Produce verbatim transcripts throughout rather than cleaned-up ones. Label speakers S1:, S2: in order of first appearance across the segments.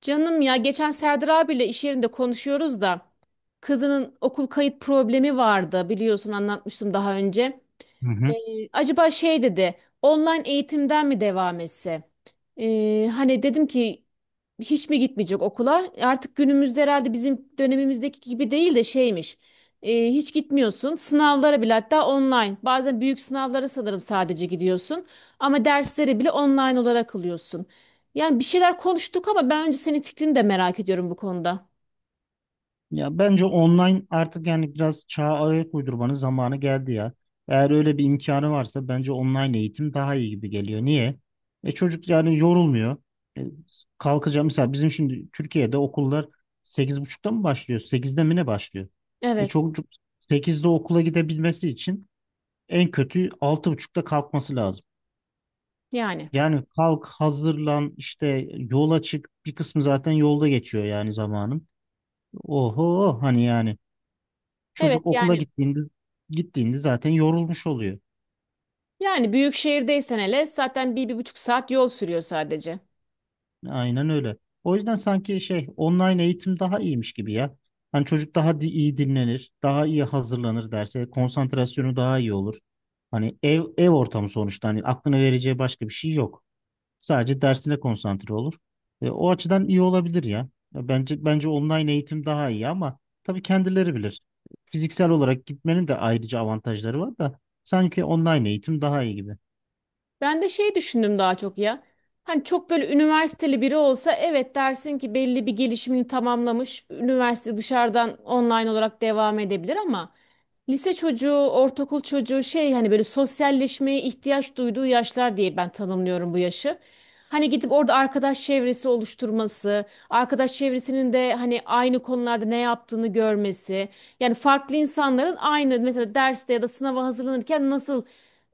S1: Canım ya geçen Serdar abiyle iş yerinde konuşuyoruz da kızının okul kayıt problemi vardı biliyorsun anlatmıştım daha önce.
S2: Hı hı.
S1: Ee, acaba şey dedi online eğitimden mi devam etse? Ee, hani dedim ki hiç mi gitmeyecek okula? Artık günümüzde herhalde bizim dönemimizdeki gibi değil de şeymiş. E, hiç gitmiyorsun. Sınavlara bile hatta online. Bazen büyük sınavlara sanırım sadece gidiyorsun. Ama dersleri bile online olarak alıyorsun. Yani bir şeyler konuştuk ama ben önce senin fikrini de merak ediyorum bu konuda.
S2: Ya bence online artık yani biraz çağa ayak uydurmanın zamanı geldi ya. Eğer öyle bir imkanı varsa bence online eğitim daha iyi gibi geliyor. Niye? E çocuk yani yorulmuyor. E, Kalkacağım mesela bizim şimdi Türkiye'de okullar sekiz buçukta mı başlıyor? Sekizde mi ne başlıyor? E
S1: Evet
S2: çocuk sekizde okula gidebilmesi için en kötü altı buçukta kalkması lazım.
S1: yani.
S2: Yani kalk, hazırlan, işte yola çık. Bir kısmı zaten yolda geçiyor yani zamanın. Oho hani yani.
S1: Evet
S2: Çocuk okula
S1: yani.
S2: gittiğinde gittiğinde zaten yorulmuş oluyor.
S1: Yani büyük şehirdeysen hele zaten bir, bir buçuk saat yol sürüyor sadece.
S2: Aynen öyle. O yüzden sanki şey online eğitim daha iyiymiş gibi ya. Hani çocuk daha di- iyi dinlenir, daha iyi hazırlanır derse, konsantrasyonu daha iyi olur. Hani ev ev ortamı sonuçta hani aklına vereceği başka bir şey yok. Sadece dersine konsantre olur. E, o açıdan iyi olabilir ya. Ya Bence bence online eğitim daha iyi ama tabii kendileri bilir. Fiziksel olarak gitmenin de ayrıca avantajları var da sanki online eğitim daha iyi gibi.
S1: Ben de şey düşündüm daha çok ya. Hani çok böyle üniversiteli biri olsa evet dersin ki belli bir gelişimini tamamlamış. Üniversite dışarıdan online olarak devam edebilir ama lise çocuğu, ortaokul çocuğu şey hani böyle sosyalleşmeye ihtiyaç duyduğu yaşlar diye ben tanımlıyorum bu yaşı. Hani gidip orada arkadaş çevresi oluşturması, arkadaş çevresinin de hani aynı konularda ne yaptığını görmesi. Yani farklı insanların aynı mesela derste ya da sınava hazırlanırken nasıl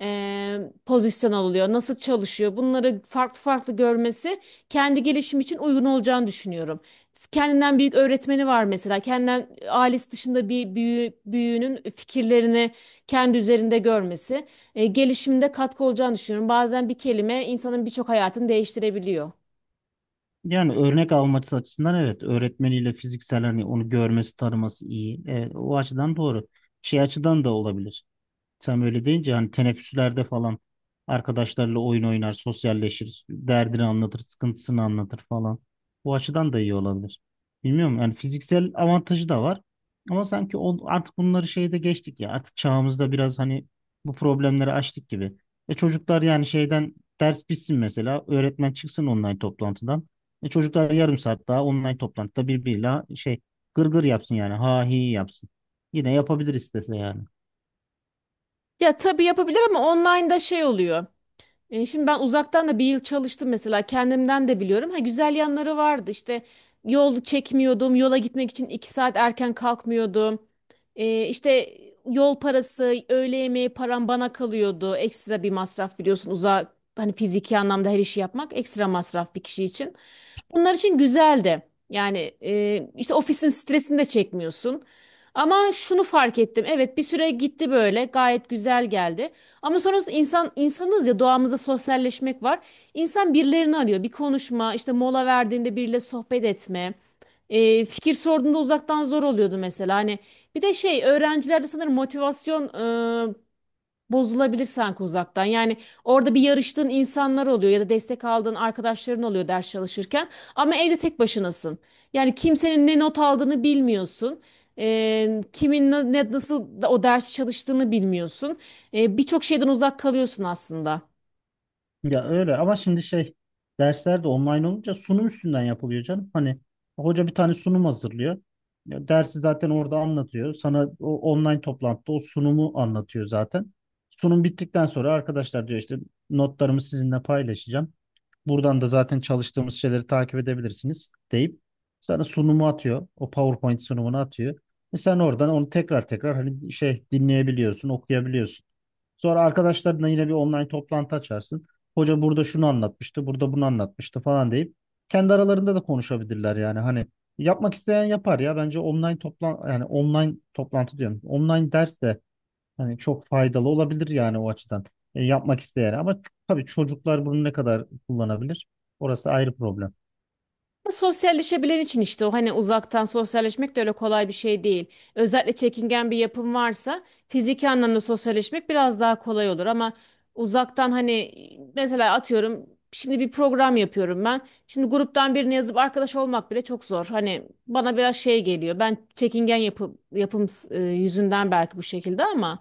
S1: eee, pozisyon alıyor, nasıl çalışıyor bunları farklı farklı görmesi kendi gelişim için uygun olacağını düşünüyorum. Kendinden büyük öğretmeni var mesela. Kendinden ailesi dışında bir büyü, büyüğünün fikirlerini kendi üzerinde görmesi e, gelişimde katkı olacağını düşünüyorum. Bazen bir kelime insanın birçok hayatını değiştirebiliyor.
S2: Yani örnek alması açısından evet öğretmeniyle fiziksel hani onu görmesi tanıması iyi. Evet, o açıdan doğru. Şey açıdan da olabilir. Sen böyle deyince hani teneffüslerde falan arkadaşlarla oyun oynar, sosyalleşir, derdini anlatır, sıkıntısını anlatır falan. Bu açıdan da iyi olabilir. Bilmiyorum yani fiziksel avantajı da var. Ama sanki o, artık bunları şeyde geçtik ya. Artık çağımızda biraz hani bu problemleri açtık gibi. E çocuklar yani şeyden ders bitsin mesela. Öğretmen çıksın online toplantıdan. E çocuklar yarım saat daha online toplantıda birbiriyle şey gırgır yapsın yani. Ha hi yapsın. Yine yapabilir istese yani.
S1: Ya tabii yapabilir ama online'da şey oluyor. E, şimdi ben uzaktan da bir yıl çalıştım mesela kendimden de biliyorum. Ha güzel yanları vardı işte yol çekmiyordum yola gitmek için iki saat erken kalkmıyordum. E, işte yol parası öğle yemeği param bana kalıyordu. Ekstra bir masraf biliyorsun uzak hani fiziki anlamda her işi yapmak ekstra masraf bir kişi için. Bunlar için güzeldi. Yani e, işte ofisin stresini de çekmiyorsun. Ama şunu fark ettim. Evet bir süre gitti böyle gayet güzel geldi. Ama sonrasında insan insanız ya doğamızda sosyalleşmek var. İnsan birilerini arıyor. Bir konuşma, işte mola verdiğinde biriyle sohbet etme. E, fikir sorduğunda uzaktan zor oluyordu mesela. Hani bir de şey öğrencilerde sanırım motivasyon ıı, bozulabilirsen sanki uzaktan. Yani orada bir yarıştığın insanlar oluyor ya da destek aldığın arkadaşların oluyor ders çalışırken. Ama evde tek başınasın. Yani kimsenin ne not aldığını bilmiyorsun. Ee, kimin na- ne, nasıl da- o dersi çalıştığını bilmiyorsun. Ee, birçok şeyden uzak kalıyorsun aslında.
S2: Ya öyle ama şimdi şey dersler de online olunca sunum üstünden yapılıyor canım. Hani hoca bir tane sunum hazırlıyor. Ya dersi zaten orada anlatıyor. Sana o online toplantıda o sunumu anlatıyor zaten. Sunum bittikten sonra arkadaşlar diyor işte notlarımı sizinle paylaşacağım. Buradan da zaten çalıştığımız şeyleri takip edebilirsiniz deyip sana sunumu atıyor. O PowerPoint sunumunu atıyor. Ve sen oradan onu tekrar tekrar hani şey dinleyebiliyorsun, okuyabiliyorsun. Sonra arkadaşlarınla yine bir online toplantı açarsın hoca burada şunu anlatmıştı, burada bunu anlatmıştı falan deyip kendi aralarında da konuşabilirler yani. Hani yapmak isteyen yapar ya. Bence online toplan yani online toplantı diyorum. Online ders de hani çok faydalı olabilir yani o açıdan. E, yapmak isteyen ama ç- tabii çocuklar bunu ne kadar kullanabilir? Orası ayrı problem.
S1: Sosyalleşebilen için işte o hani uzaktan sosyalleşmek de öyle kolay bir şey değil. Özellikle çekingen bir yapım varsa fiziki anlamda sosyalleşmek biraz daha kolay olur ama uzaktan hani mesela atıyorum şimdi bir program yapıyorum ben. Şimdi gruptan birine yazıp arkadaş olmak bile çok zor. Hani bana biraz şey geliyor. Ben çekingen yapı, yapım e, yüzünden belki bu şekilde ama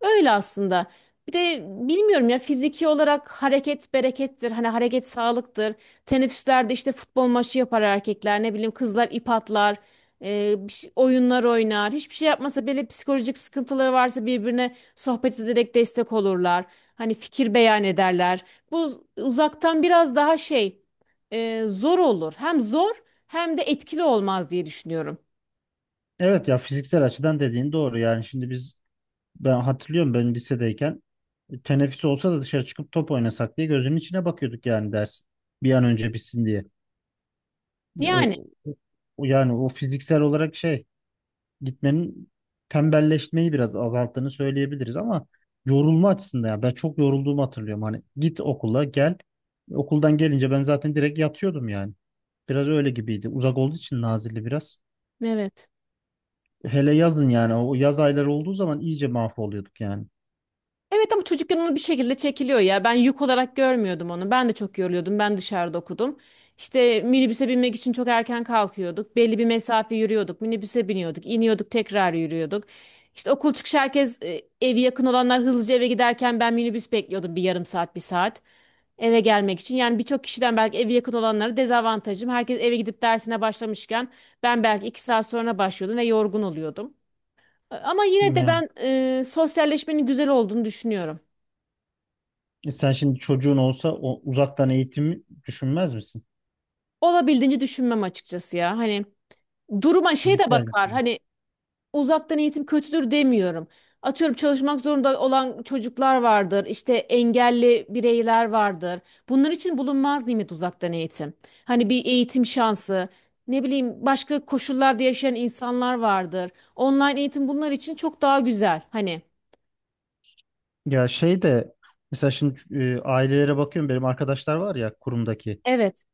S1: öyle aslında. Bir de bilmiyorum ya fiziki olarak hareket berekettir. Hani hareket sağlıktır. Teneffüslerde işte futbol maçı yapar erkekler, ne bileyim kızlar ip atlar, e, bir şey- oyunlar oynar. Hiçbir şey yapmasa bile psikolojik sıkıntıları varsa birbirine sohbet ederek destek olurlar. Hani fikir beyan ederler. Bu uzaktan biraz daha şey e, zor olur. Hem zor hem de etkili olmaz diye düşünüyorum.
S2: Evet ya fiziksel açıdan dediğin doğru. Yani şimdi biz Ben hatırlıyorum ben lisedeyken teneffüs olsa da dışarı çıkıp top oynasak diye gözümün içine bakıyorduk yani ders bir an önce bitsin diye. Ya,
S1: Yani
S2: o- o- Yani o fiziksel olarak şey gitmenin tembelleşmeyi biraz azalttığını söyleyebiliriz ama yorulma açısından ya ben çok yorulduğumu hatırlıyorum. Hani git okula gel okuldan gelince ben zaten direkt yatıyordum yani. Biraz öyle gibiydi. Uzak olduğu için Nazilli biraz.
S1: evet.
S2: Hele yazın yani o yaz ayları olduğu zaman iyice mahvoluyorduk yani.
S1: Evet ama çocukken onu bir şekilde çekiliyor ya. Ben yük olarak görmüyordum onu. Ben de çok yoruluyordum. Ben dışarıda okudum. İşte minibüse binmek için çok erken kalkıyorduk. Belli bir mesafe yürüyorduk. Minibüse biniyorduk. İniyorduk tekrar yürüyorduk. İşte okul çıkışı herkes e, evi yakın olanlar hızlıca eve giderken ben minibüs bekliyordum bir yarım saat bir saat eve gelmek için. Yani birçok kişiden belki evi yakın olanlara dezavantajım. Herkes eve gidip dersine başlamışken ben belki iki saat sonra başlıyordum ve yorgun oluyordum. Ama yine de
S2: Yani
S1: ben e, sosyalleşmenin güzel olduğunu düşünüyorum.
S2: e, Sen şimdi çocuğun olsa o uzaktan eğitimi düşünmez misin?
S1: Olabildiğince düşünmem açıkçası ya. Hani duruma şey de
S2: Fiziksel.
S1: bakar. Hani uzaktan eğitim kötüdür demiyorum. Atıyorum çalışmak zorunda olan çocuklar vardır. İşte engelli bireyler vardır. Bunlar için bulunmaz nimet uzaktan eğitim. Hani bir eğitim şansı, ne bileyim başka koşullarda yaşayan insanlar vardır. Online eğitim bunlar için çok daha güzel. Hani
S2: Ya şey de Mesela şimdi e, ailelere bakıyorum benim arkadaşlar var ya kurumdaki.
S1: evet.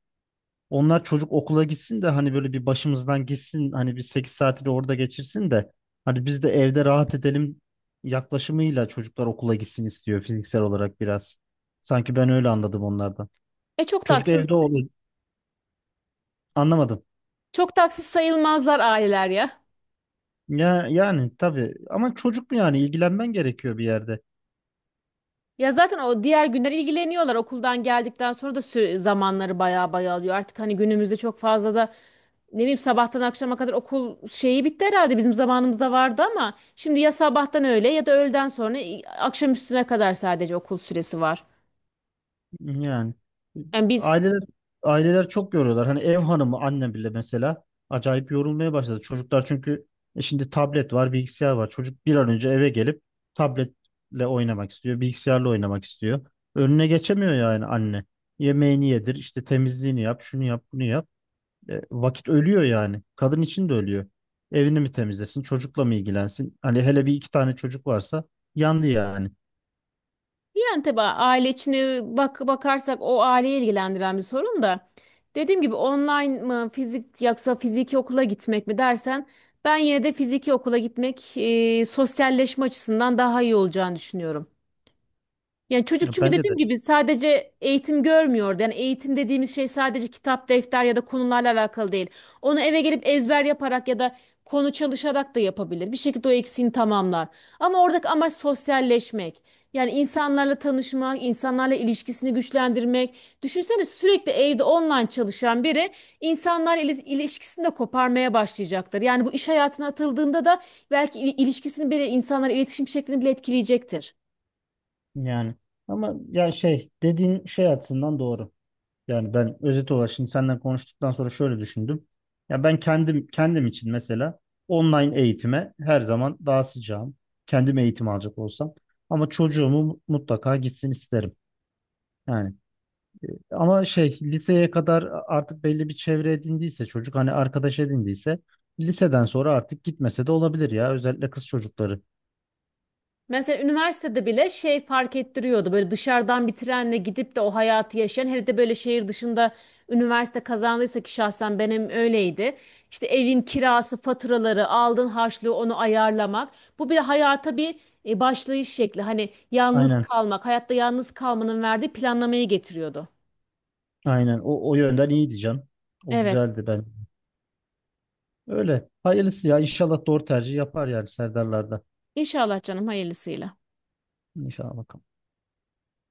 S2: Onlar çocuk okula gitsin de hani böyle bir başımızdan gitsin hani bir sekiz saati de orada geçirsin de hani biz de evde rahat edelim yaklaşımıyla çocuklar okula gitsin istiyor fiziksel olarak biraz. Sanki ben öyle anladım onlardan.
S1: E çok
S2: Çocuk
S1: taksız
S2: evde olur anlamadım.
S1: Çok taksız sayılmazlar aileler ya.
S2: Ya yani tabii ama çocuk mu yani ilgilenmen gerekiyor bir yerde.
S1: Ya zaten o diğer günler ilgileniyorlar. Okuldan geldikten sonra da sü- zamanları baya baya alıyor. Artık hani günümüzde çok fazla da ne bileyim sabahtan akşama kadar okul şeyi bitti herhalde. Bizim zamanımızda vardı ama şimdi ya sabahtan öğle ya da öğleden sonra i- akşam üstüne kadar sadece okul süresi var.
S2: Yani
S1: Yani biz
S2: aileler aileler çok yoruyorlar. Hani ev hanımı annem bile mesela acayip yorulmaya başladı. Çocuklar çünkü e, şimdi tablet var, bilgisayar var. Çocuk bir an önce eve gelip tabletle oynamak istiyor, bilgisayarla oynamak istiyor. Önüne geçemiyor yani anne. Yemeğini yedir, işte temizliğini yap, şunu yap, bunu yap. E, vakit ölüyor yani. Kadın için de ölüyor. Evini mi temizlesin, çocukla mı ilgilensin? Hani hele bir iki tane çocuk varsa yandı yani.
S1: Yani tabii aile içine bak bakarsak o aileyi ilgilendiren bir sorun da. Dediğim gibi online mı fizik yoksa fiziki okula gitmek mi dersen ben yine de fiziki okula gitmek e, sosyalleşme açısından daha iyi olacağını düşünüyorum. Yani çocuk
S2: Ya
S1: çünkü
S2: bence de
S1: dediğim gibi sadece eğitim görmüyordu. Yani eğitim dediğimiz şey sadece kitap, defter ya da konularla alakalı değil. Onu eve gelip ezber yaparak ya da konu çalışarak da yapabilir. Bir şekilde o eksiğini tamamlar. Ama oradaki amaç sosyalleşmek. Yani insanlarla tanışmak, insanlarla ilişkisini güçlendirmek. Düşünsene sürekli evde online çalışan biri insanlarla ili- ilişkisini de koparmaya başlayacaktır. Yani bu iş hayatına atıldığında da belki il- ilişkisini bile insanlarla iletişim şeklini bile etkileyecektir.
S2: yani ama ya şey dediğin şey açısından doğru. Yani ben özet olarak şimdi senden konuştuktan sonra şöyle düşündüm. Ya ben kendim kendim için mesela online eğitime her zaman daha sıcağım. Kendim eğitim alacak olsam. Ama çocuğumu mutlaka gitsin isterim. Yani Ama şey liseye kadar artık belli bir çevre edindiyse çocuk hani arkadaş edindiyse liseden sonra artık gitmese de olabilir ya özellikle kız çocukları.
S1: Mesela üniversitede bile şey fark ettiriyordu. Böyle dışarıdan bir trenle gidip de o hayatı yaşayan, hele de böyle şehir dışında üniversite kazandıysa ki şahsen benim öyleydi. İşte evin kirası, faturaları, aldığın harçlığı onu ayarlamak. Bu bir hayata bir e, başlayış şekli. Hani yalnız
S2: Aynen.
S1: kalmak, hayatta yalnız kalmanın verdiği planlamayı getiriyordu.
S2: Aynen. O, o yönden iyi diyeceğim. O
S1: Evet.
S2: güzeldi ben. Öyle. Hayırlısı ya. İnşallah doğru tercih yapar yani Serdarlar'da.
S1: İnşallah canım hayırlısıyla.
S2: İnşallah bakalım.